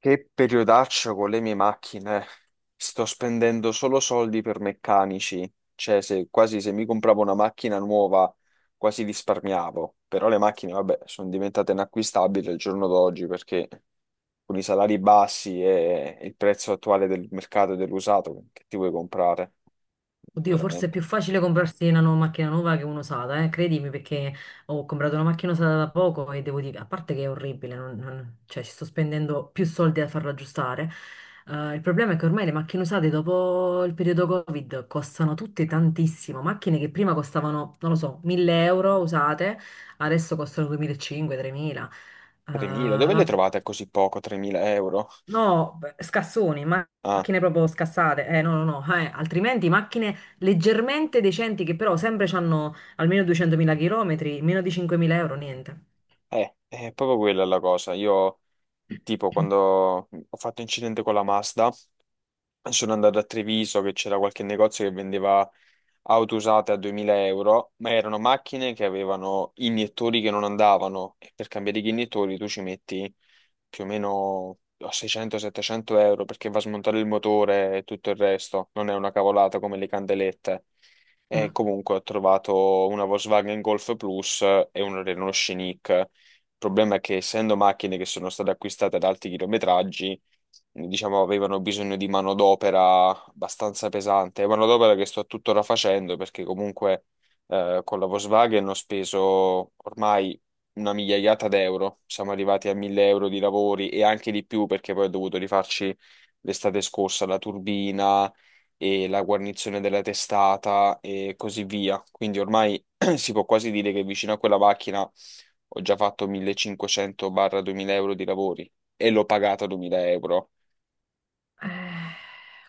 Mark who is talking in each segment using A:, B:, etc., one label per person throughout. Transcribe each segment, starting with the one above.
A: Che periodaccio con le mie macchine. Sto spendendo solo soldi per meccanici. Cioè, se, quasi se mi compravo una macchina nuova, quasi risparmiavo. Però le macchine, vabbè, sono diventate inacquistabili al giorno d'oggi perché con i salari bassi e il prezzo attuale del mercato dell'usato, che ti vuoi comprare?
B: Oddio, forse è
A: Veramente.
B: più facile comprarsi una nuova macchina nuova che un'usata, eh? Credimi, perché ho comprato una macchina usata da poco e devo dire, a parte che è orribile, ci sto spendendo più soldi a farla aggiustare. Il problema è che ormai le macchine usate dopo il periodo Covid costano tutte tantissimo. Macchine che prima costavano, non lo so, 1000 euro usate, adesso costano 2500-3000.
A: 3.000, dove le trovate a così poco? 3.000 euro?
B: No, beh, scassoni,
A: Ah,
B: macchine proprio scassate. No, no, no, altrimenti macchine leggermente decenti che però sempre hanno almeno 200.000 km, meno di 5.000 euro, niente.
A: è proprio quella la cosa. Io, tipo, quando ho fatto incidente con la Mazda. Sono andato a Treviso che c'era qualche negozio che vendeva auto usate a 2000 euro, ma erano macchine che avevano iniettori che non andavano e per cambiare gli iniettori tu ci metti più o meno a 600-700 euro perché va a smontare il motore e tutto il resto, non è una cavolata come le candelette. E
B: Mm.
A: comunque ho trovato una Volkswagen Golf Plus e un Renault Scenic. Il problema è che essendo macchine che sono state acquistate ad alti chilometraggi, diciamo, avevano bisogno di manodopera abbastanza pesante, manodopera che sto tuttora facendo perché comunque con la Volkswagen ho speso ormai una migliaiata d'euro. Siamo arrivati a 1000 euro di lavori e anche di più perché poi ho dovuto rifarci l'estate scorsa la turbina e la guarnizione della testata e così via. Quindi ormai si può quasi dire che vicino a quella macchina ho già fatto 1500-2000 euro di lavori e l'ho pagata 2000 euro.
B: Eh,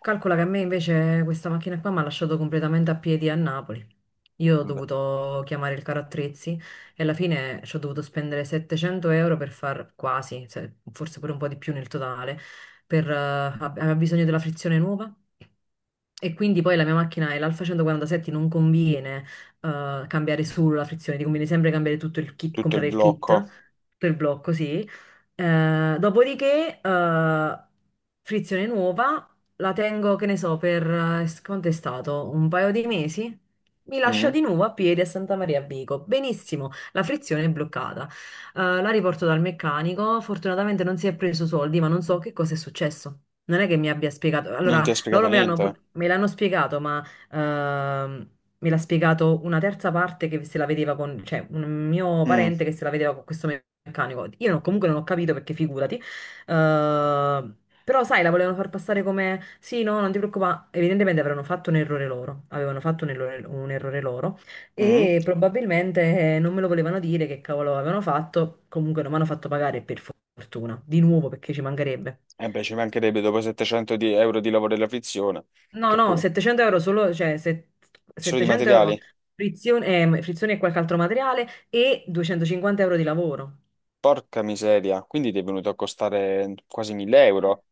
B: calcola che a me invece questa macchina qua mi ha lasciato completamente a piedi a Napoli. Io ho
A: Vabbè.
B: dovuto chiamare il caro attrezzi e alla fine ci ho dovuto spendere 700 euro per far quasi, forse pure un po' di più nel totale, per, aveva bisogno della frizione nuova. E quindi poi la mia macchina è l'Alfa 147, non conviene cambiare solo la frizione, ti conviene sempre cambiare tutto il kit,
A: Tutto il
B: comprare il
A: blocco.
B: kit per blocco, sì. Dopodiché, frizione nuova, la tengo, che ne so, per quanto è stato? Un paio di mesi? Mi lascia
A: Mm?
B: di nuovo a piedi a Santa Maria a Vico. Benissimo, la frizione è bloccata. La riporto dal meccanico. Fortunatamente non si è preso soldi, ma non so che cosa è successo. Non è che mi abbia spiegato.
A: Non ti
B: Allora,
A: ha spiegato
B: loro
A: niente?
B: me l'hanno spiegato, ma ehm, me l'ha spiegato una terza parte che se la vedeva con, cioè un mio
A: Mm,
B: parente che se la vedeva con questo meccanico. Io non- comunque non ho capito perché figurati. Eh, però sai, la volevano far passare come sì, no, non ti preoccupare. Evidentemente avevano fatto un errore loro, avevano fatto un errore loro
A: mm.
B: e probabilmente non me lo volevano dire che cavolo avevano fatto. Comunque non mi hanno fatto pagare per fortuna, di nuovo perché ci mancherebbe.
A: E beh, ci mancherebbe dopo 700 euro di lavoro della frizione,
B: No,
A: che
B: no,
A: poi
B: 700 euro solo,
A: solo di
B: 700 euro
A: materiali.
B: frizione, frizione e qualche altro materiale e 250 euro di lavoro.
A: Porca miseria, quindi ti è venuto a costare quasi 1000
B: Eh,
A: euro?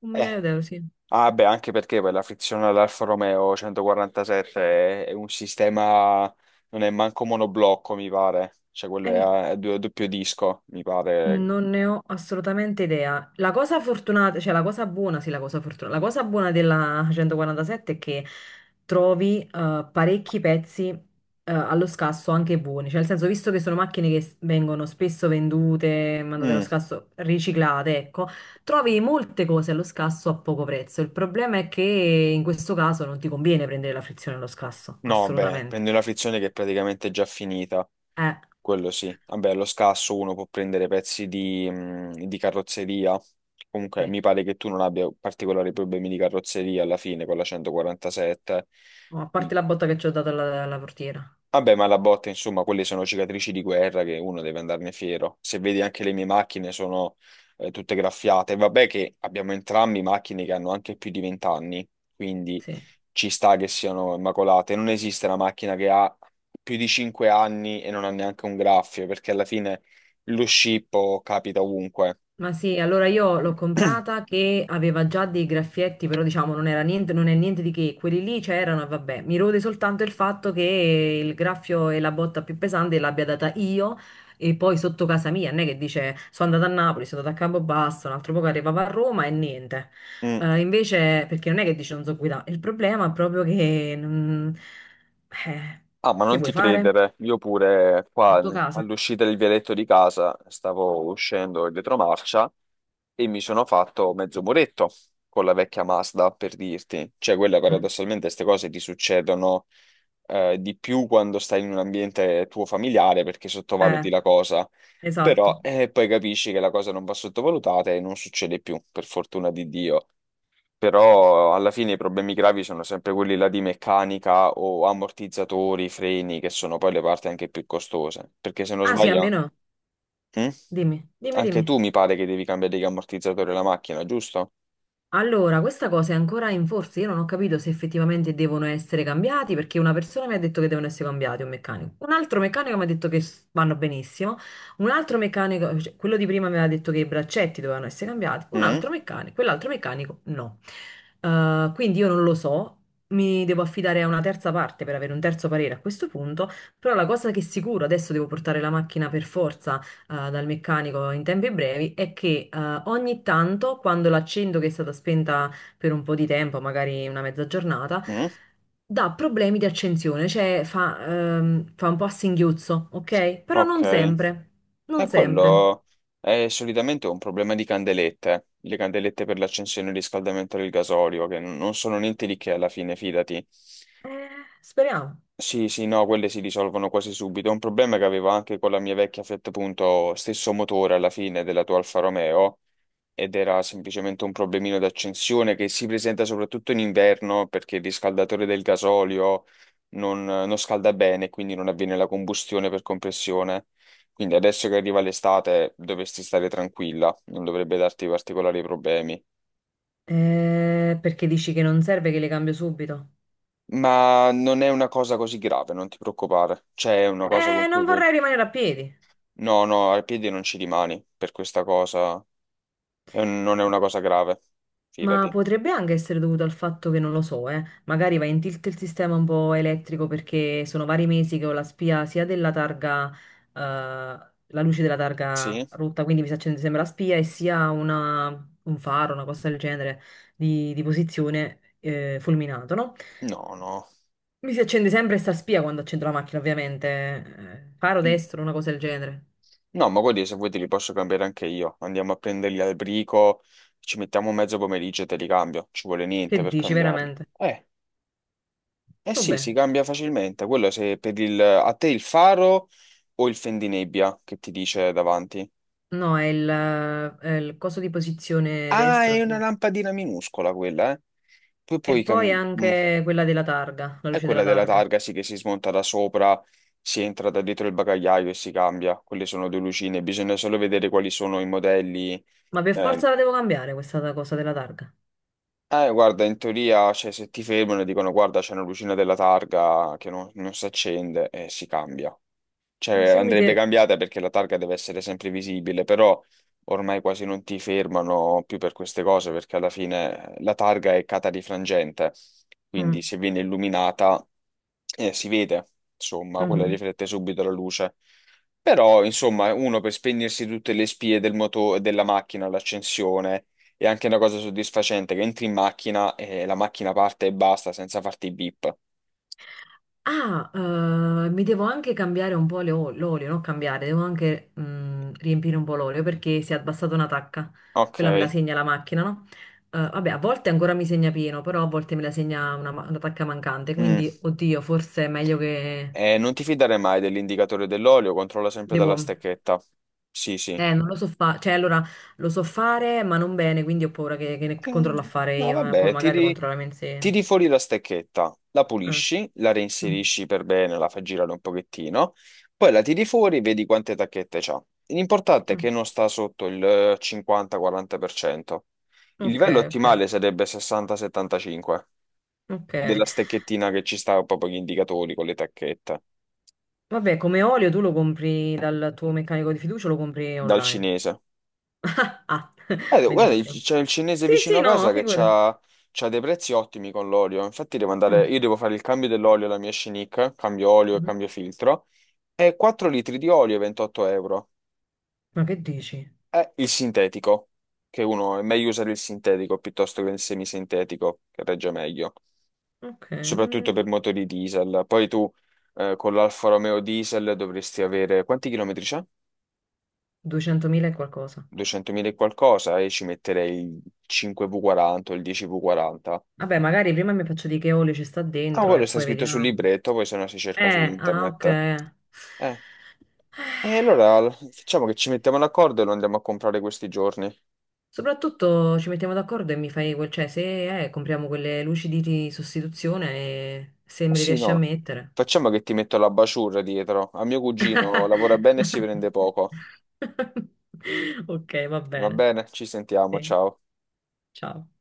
B: Un migliaio
A: Eh,
B: di euro, sì.
A: ah beh, anche perché poi la frizione all'Alfa Romeo 147 è un sistema, non è manco monoblocco, mi pare, cioè quello è
B: Eh,
A: a doppio disco, mi pare.
B: Non ne ho assolutamente idea. La cosa fortunata, cioè la cosa buona, sì, la cosa fortunata, la cosa buona della 147 è che trovi parecchi pezzi allo scasso anche buoni, cioè nel senso, visto che sono macchine che vengono spesso vendute, mandate allo
A: Mm,
B: scasso, riciclate, ecco, trovi molte cose allo scasso a poco prezzo. Il problema è che in questo caso non ti conviene prendere la frizione allo scasso,
A: no, beh,
B: assolutamente.
A: prende una frizione che è praticamente già finita,
B: Eh,
A: quello sì. Vabbè, allo scasso uno può prendere pezzi di carrozzeria. Comunque,
B: sì.
A: mi pare che tu non abbia particolari problemi di carrozzeria alla fine con la 147.
B: Oh, a parte la botta che ci ho dato alla portiera,
A: Vabbè, ma la botta, insomma, quelle sono cicatrici di guerra che uno deve andarne fiero. Se vedi anche le mie macchine sono tutte graffiate. Vabbè che abbiamo entrambi macchine che hanno anche più di 20 anni, quindi
B: sì.
A: ci sta che siano immacolate. Non esiste una macchina che ha più di 5 anni e non ha neanche un graffio, perché alla fine lo scippo capita ovunque.
B: Ma sì, allora io l'ho comprata che aveva già dei graffietti, però diciamo non era niente, non è niente di che, quelli lì c'erano e vabbè, mi rode soltanto il fatto che il graffio e la botta più pesante l'abbia data io e poi sotto casa mia, non è che dice sono andata a Napoli, sono andata a Campobasso, un altro poco arrivava a Roma e niente.
A: Mm.
B: Invece, perché non è che dice non so guidare, il problema è proprio che... eh,
A: Ah, ma
B: che
A: non ti
B: vuoi fare?
A: credere, io pure
B: Il
A: qua
B: tuo casa?
A: all'uscita del vialetto di casa stavo uscendo in retromarcia e mi sono fatto mezzo muretto con la vecchia Mazda, per dirti. Cioè, quella
B: Mm.
A: paradossalmente queste cose ti succedono di più quando stai in un ambiente tuo familiare perché
B: Eh,
A: sottovaluti la cosa,
B: esatto.
A: però poi capisci che la cosa non va sottovalutata e non succede più, per fortuna di Dio. Però alla fine i problemi gravi sono sempre quelli là di meccanica o ammortizzatori, freni, che sono poi le parti anche più costose. Perché se non
B: Ah sì, a me
A: sbaglio.
B: no,
A: Mm?
B: dimmi, dimmi,
A: Anche
B: dimmi.
A: tu mi pare che devi cambiare gli ammortizzatori alla macchina, giusto?
B: Allora, questa cosa è ancora in forza. Io non ho capito se effettivamente devono essere cambiati, perché una persona mi ha detto che devono essere cambiati, un meccanico. Un altro meccanico mi ha detto che vanno benissimo. Un altro meccanico, cioè, quello di prima mi aveva detto che i braccetti dovevano essere cambiati. Un
A: Mm?
B: altro meccanico, quell'altro meccanico no. Quindi io non lo so. Mi devo affidare a una terza parte per avere un terzo parere a questo punto, però la cosa che è sicuro, adesso devo portare la macchina per forza dal meccanico in tempi brevi è che ogni tanto quando l'accendo che è stata spenta per un po' di tempo, magari una mezza giornata,
A: Mm?
B: dà problemi di accensione, cioè fa, fa un po' a singhiozzo, ok? Però
A: Ok,
B: non sempre, non
A: e
B: sempre.
A: quello è solitamente un problema di candelette, le candelette per l'accensione e il riscaldamento del gasolio, che non sono niente di che alla fine, fidati.
B: Eh, speriamo.
A: Sì, sì, no, quelle si risolvono quasi subito. Un problema che avevo anche con la mia vecchia Fiat Punto, stesso motore alla fine della tua Alfa Romeo, ed era semplicemente un problemino d'accensione che si presenta soprattutto in inverno perché il riscaldatore del gasolio non scalda bene, quindi non avviene la combustione per compressione. Quindi adesso che arriva l'estate dovresti stare tranquilla, non dovrebbe darti particolari problemi.
B: Perché dici che non serve che le cambio subito?
A: Ma non è una cosa così grave, non ti preoccupare. C'è una cosa con cui
B: Non
A: puoi.
B: vorrei rimanere a piedi.
A: No, no, ai piedi non ci rimani per questa cosa. È non è una cosa grave,
B: Ma
A: fidati.
B: potrebbe anche essere dovuto al fatto che non lo so, magari va in tilt il sistema un po' elettrico perché sono vari mesi che ho la spia sia della targa, la luce della targa
A: Sì?
B: rotta, quindi mi sta accendendo sempre la spia e sia un faro, una cosa del genere di posizione fulminato, no?
A: No, no.
B: Mi si accende sempre sta spia quando accendo la macchina, ovviamente. Faro
A: Mm.
B: destro, una cosa del genere.
A: No, ma guardi, se vuoi te li posso cambiare anche io. Andiamo a prenderli al brico, ci mettiamo mezzo pomeriggio e te li cambio. Ci vuole niente
B: Che
A: per
B: dici,
A: cambiarli.
B: veramente?
A: Eh sì, si
B: Vabbè.
A: cambia facilmente. Quello se per il, a te il faro o il fendinebbia che ti dice davanti.
B: No, è è il coso di posizione
A: Ah,
B: destro,
A: è una
B: sì.
A: lampadina minuscola quella, eh. Poi
B: E
A: puoi
B: poi
A: cambiare.
B: anche quella della targa, la
A: È
B: luce della
A: quella della
B: targa.
A: targa, sì, che si smonta da sopra, si entra da dietro il bagagliaio e si cambia. Quelle sono due lucine, bisogna solo vedere quali sono i modelli.
B: Ma per
A: Eh,
B: forza la devo cambiare questa cosa della targa.
A: eh, guarda, in teoria, cioè, se ti fermano e dicono guarda, c'è una lucina della targa che non si accende e si cambia. Cioè,
B: Se mi
A: andrebbe
B: fer-
A: cambiata perché la targa deve essere sempre visibile, però ormai quasi non ti fermano più per queste cose perché alla fine la targa è catarifrangente, quindi
B: Mm,
A: se viene illuminata si vede, insomma, quella
B: mhm.
A: riflette subito la luce. Però, insomma, uno per spegnersi tutte le spie del della macchina all'accensione è anche una cosa soddisfacente che entri in macchina e la macchina parte e basta senza farti i beep.
B: Mi devo anche cambiare un po' l'olio, non cambiare, devo anche riempire un po' l'olio perché si è abbassata una tacca. Quella me la
A: Ok.
B: segna la macchina, no? Vabbè, a volte ancora mi segna pieno, però a volte me la segna una, una tacca mancante.
A: Mm.
B: Quindi, oddio, forse è meglio che
A: Non ti fidare mai dell'indicatore dell'olio, controlla sempre dalla
B: devo.
A: stecchetta. Sì, sì.
B: Non lo so fare, cioè allora lo so fare, ma non bene, quindi ho paura che ne
A: Eh,
B: controllo a fare
A: no,
B: io, eh. Poi
A: vabbè,
B: magari lo
A: tiri,
B: controlliamo insieme.
A: tiri fuori la stecchetta, la
B: Eh.
A: pulisci, la
B: Mm,
A: reinserisci per bene, la fai girare un pochettino, poi la tiri fuori, vedi quante tacchette c'ha. L'importante è
B: mm.
A: che non sta sotto il 50-40%. Il
B: Ok,
A: livello
B: ok,
A: ottimale sarebbe 60-75
B: ok.
A: della stecchettina che ci sta proprio gli indicatori con le tacchette.
B: Vabbè, come olio tu lo compri dal tuo meccanico di fiducia o lo compri
A: Dal
B: online?
A: cinese.
B: Ah,
A: Guarda,
B: benissimo.
A: c'è il cinese
B: Sì,
A: vicino
B: sì,
A: a
B: no,
A: casa che
B: figurati.
A: c'ha dei prezzi ottimi con l'olio. Infatti devo andare,
B: Mm,
A: io devo fare il cambio dell'olio alla mia Shenick, cambio olio e
B: mhm.
A: cambio filtro, e 4 litri di olio 28 euro.
B: Ma che dici?
A: È il sintetico, che uno è meglio usare il sintetico piuttosto che il semisintetico, che regge meglio,
B: Ok,
A: soprattutto
B: non-
A: per motori diesel. Poi tu con l'Alfa Romeo diesel dovresti avere, quanti chilometri c'è?
B: 200.000 e qualcosa.
A: 200.000 e qualcosa, e ci metterei il 5V40 o il 10V40.
B: Vabbè, magari prima mi faccio di che olio ci sta
A: Ah,
B: dentro e
A: quello sta
B: poi
A: scritto sul
B: vediamo.
A: libretto, poi se no si cerca su
B: Ah,
A: internet.
B: ok.
A: Eh, e allora facciamo che ci mettiamo d'accordo e lo andiamo a comprare questi giorni. Eh
B: Soprattutto ci mettiamo d'accordo e mi fai quel, cioè se compriamo quelle luci di sostituzione e se me le
A: sì,
B: riesci a
A: no.
B: mettere.
A: Facciamo che ti metto la basciura dietro. A mio cugino lavora bene e si prende poco.
B: Ok, va
A: Va
B: bene.
A: bene? Ci sentiamo,
B: Sì,
A: ciao.
B: ciao.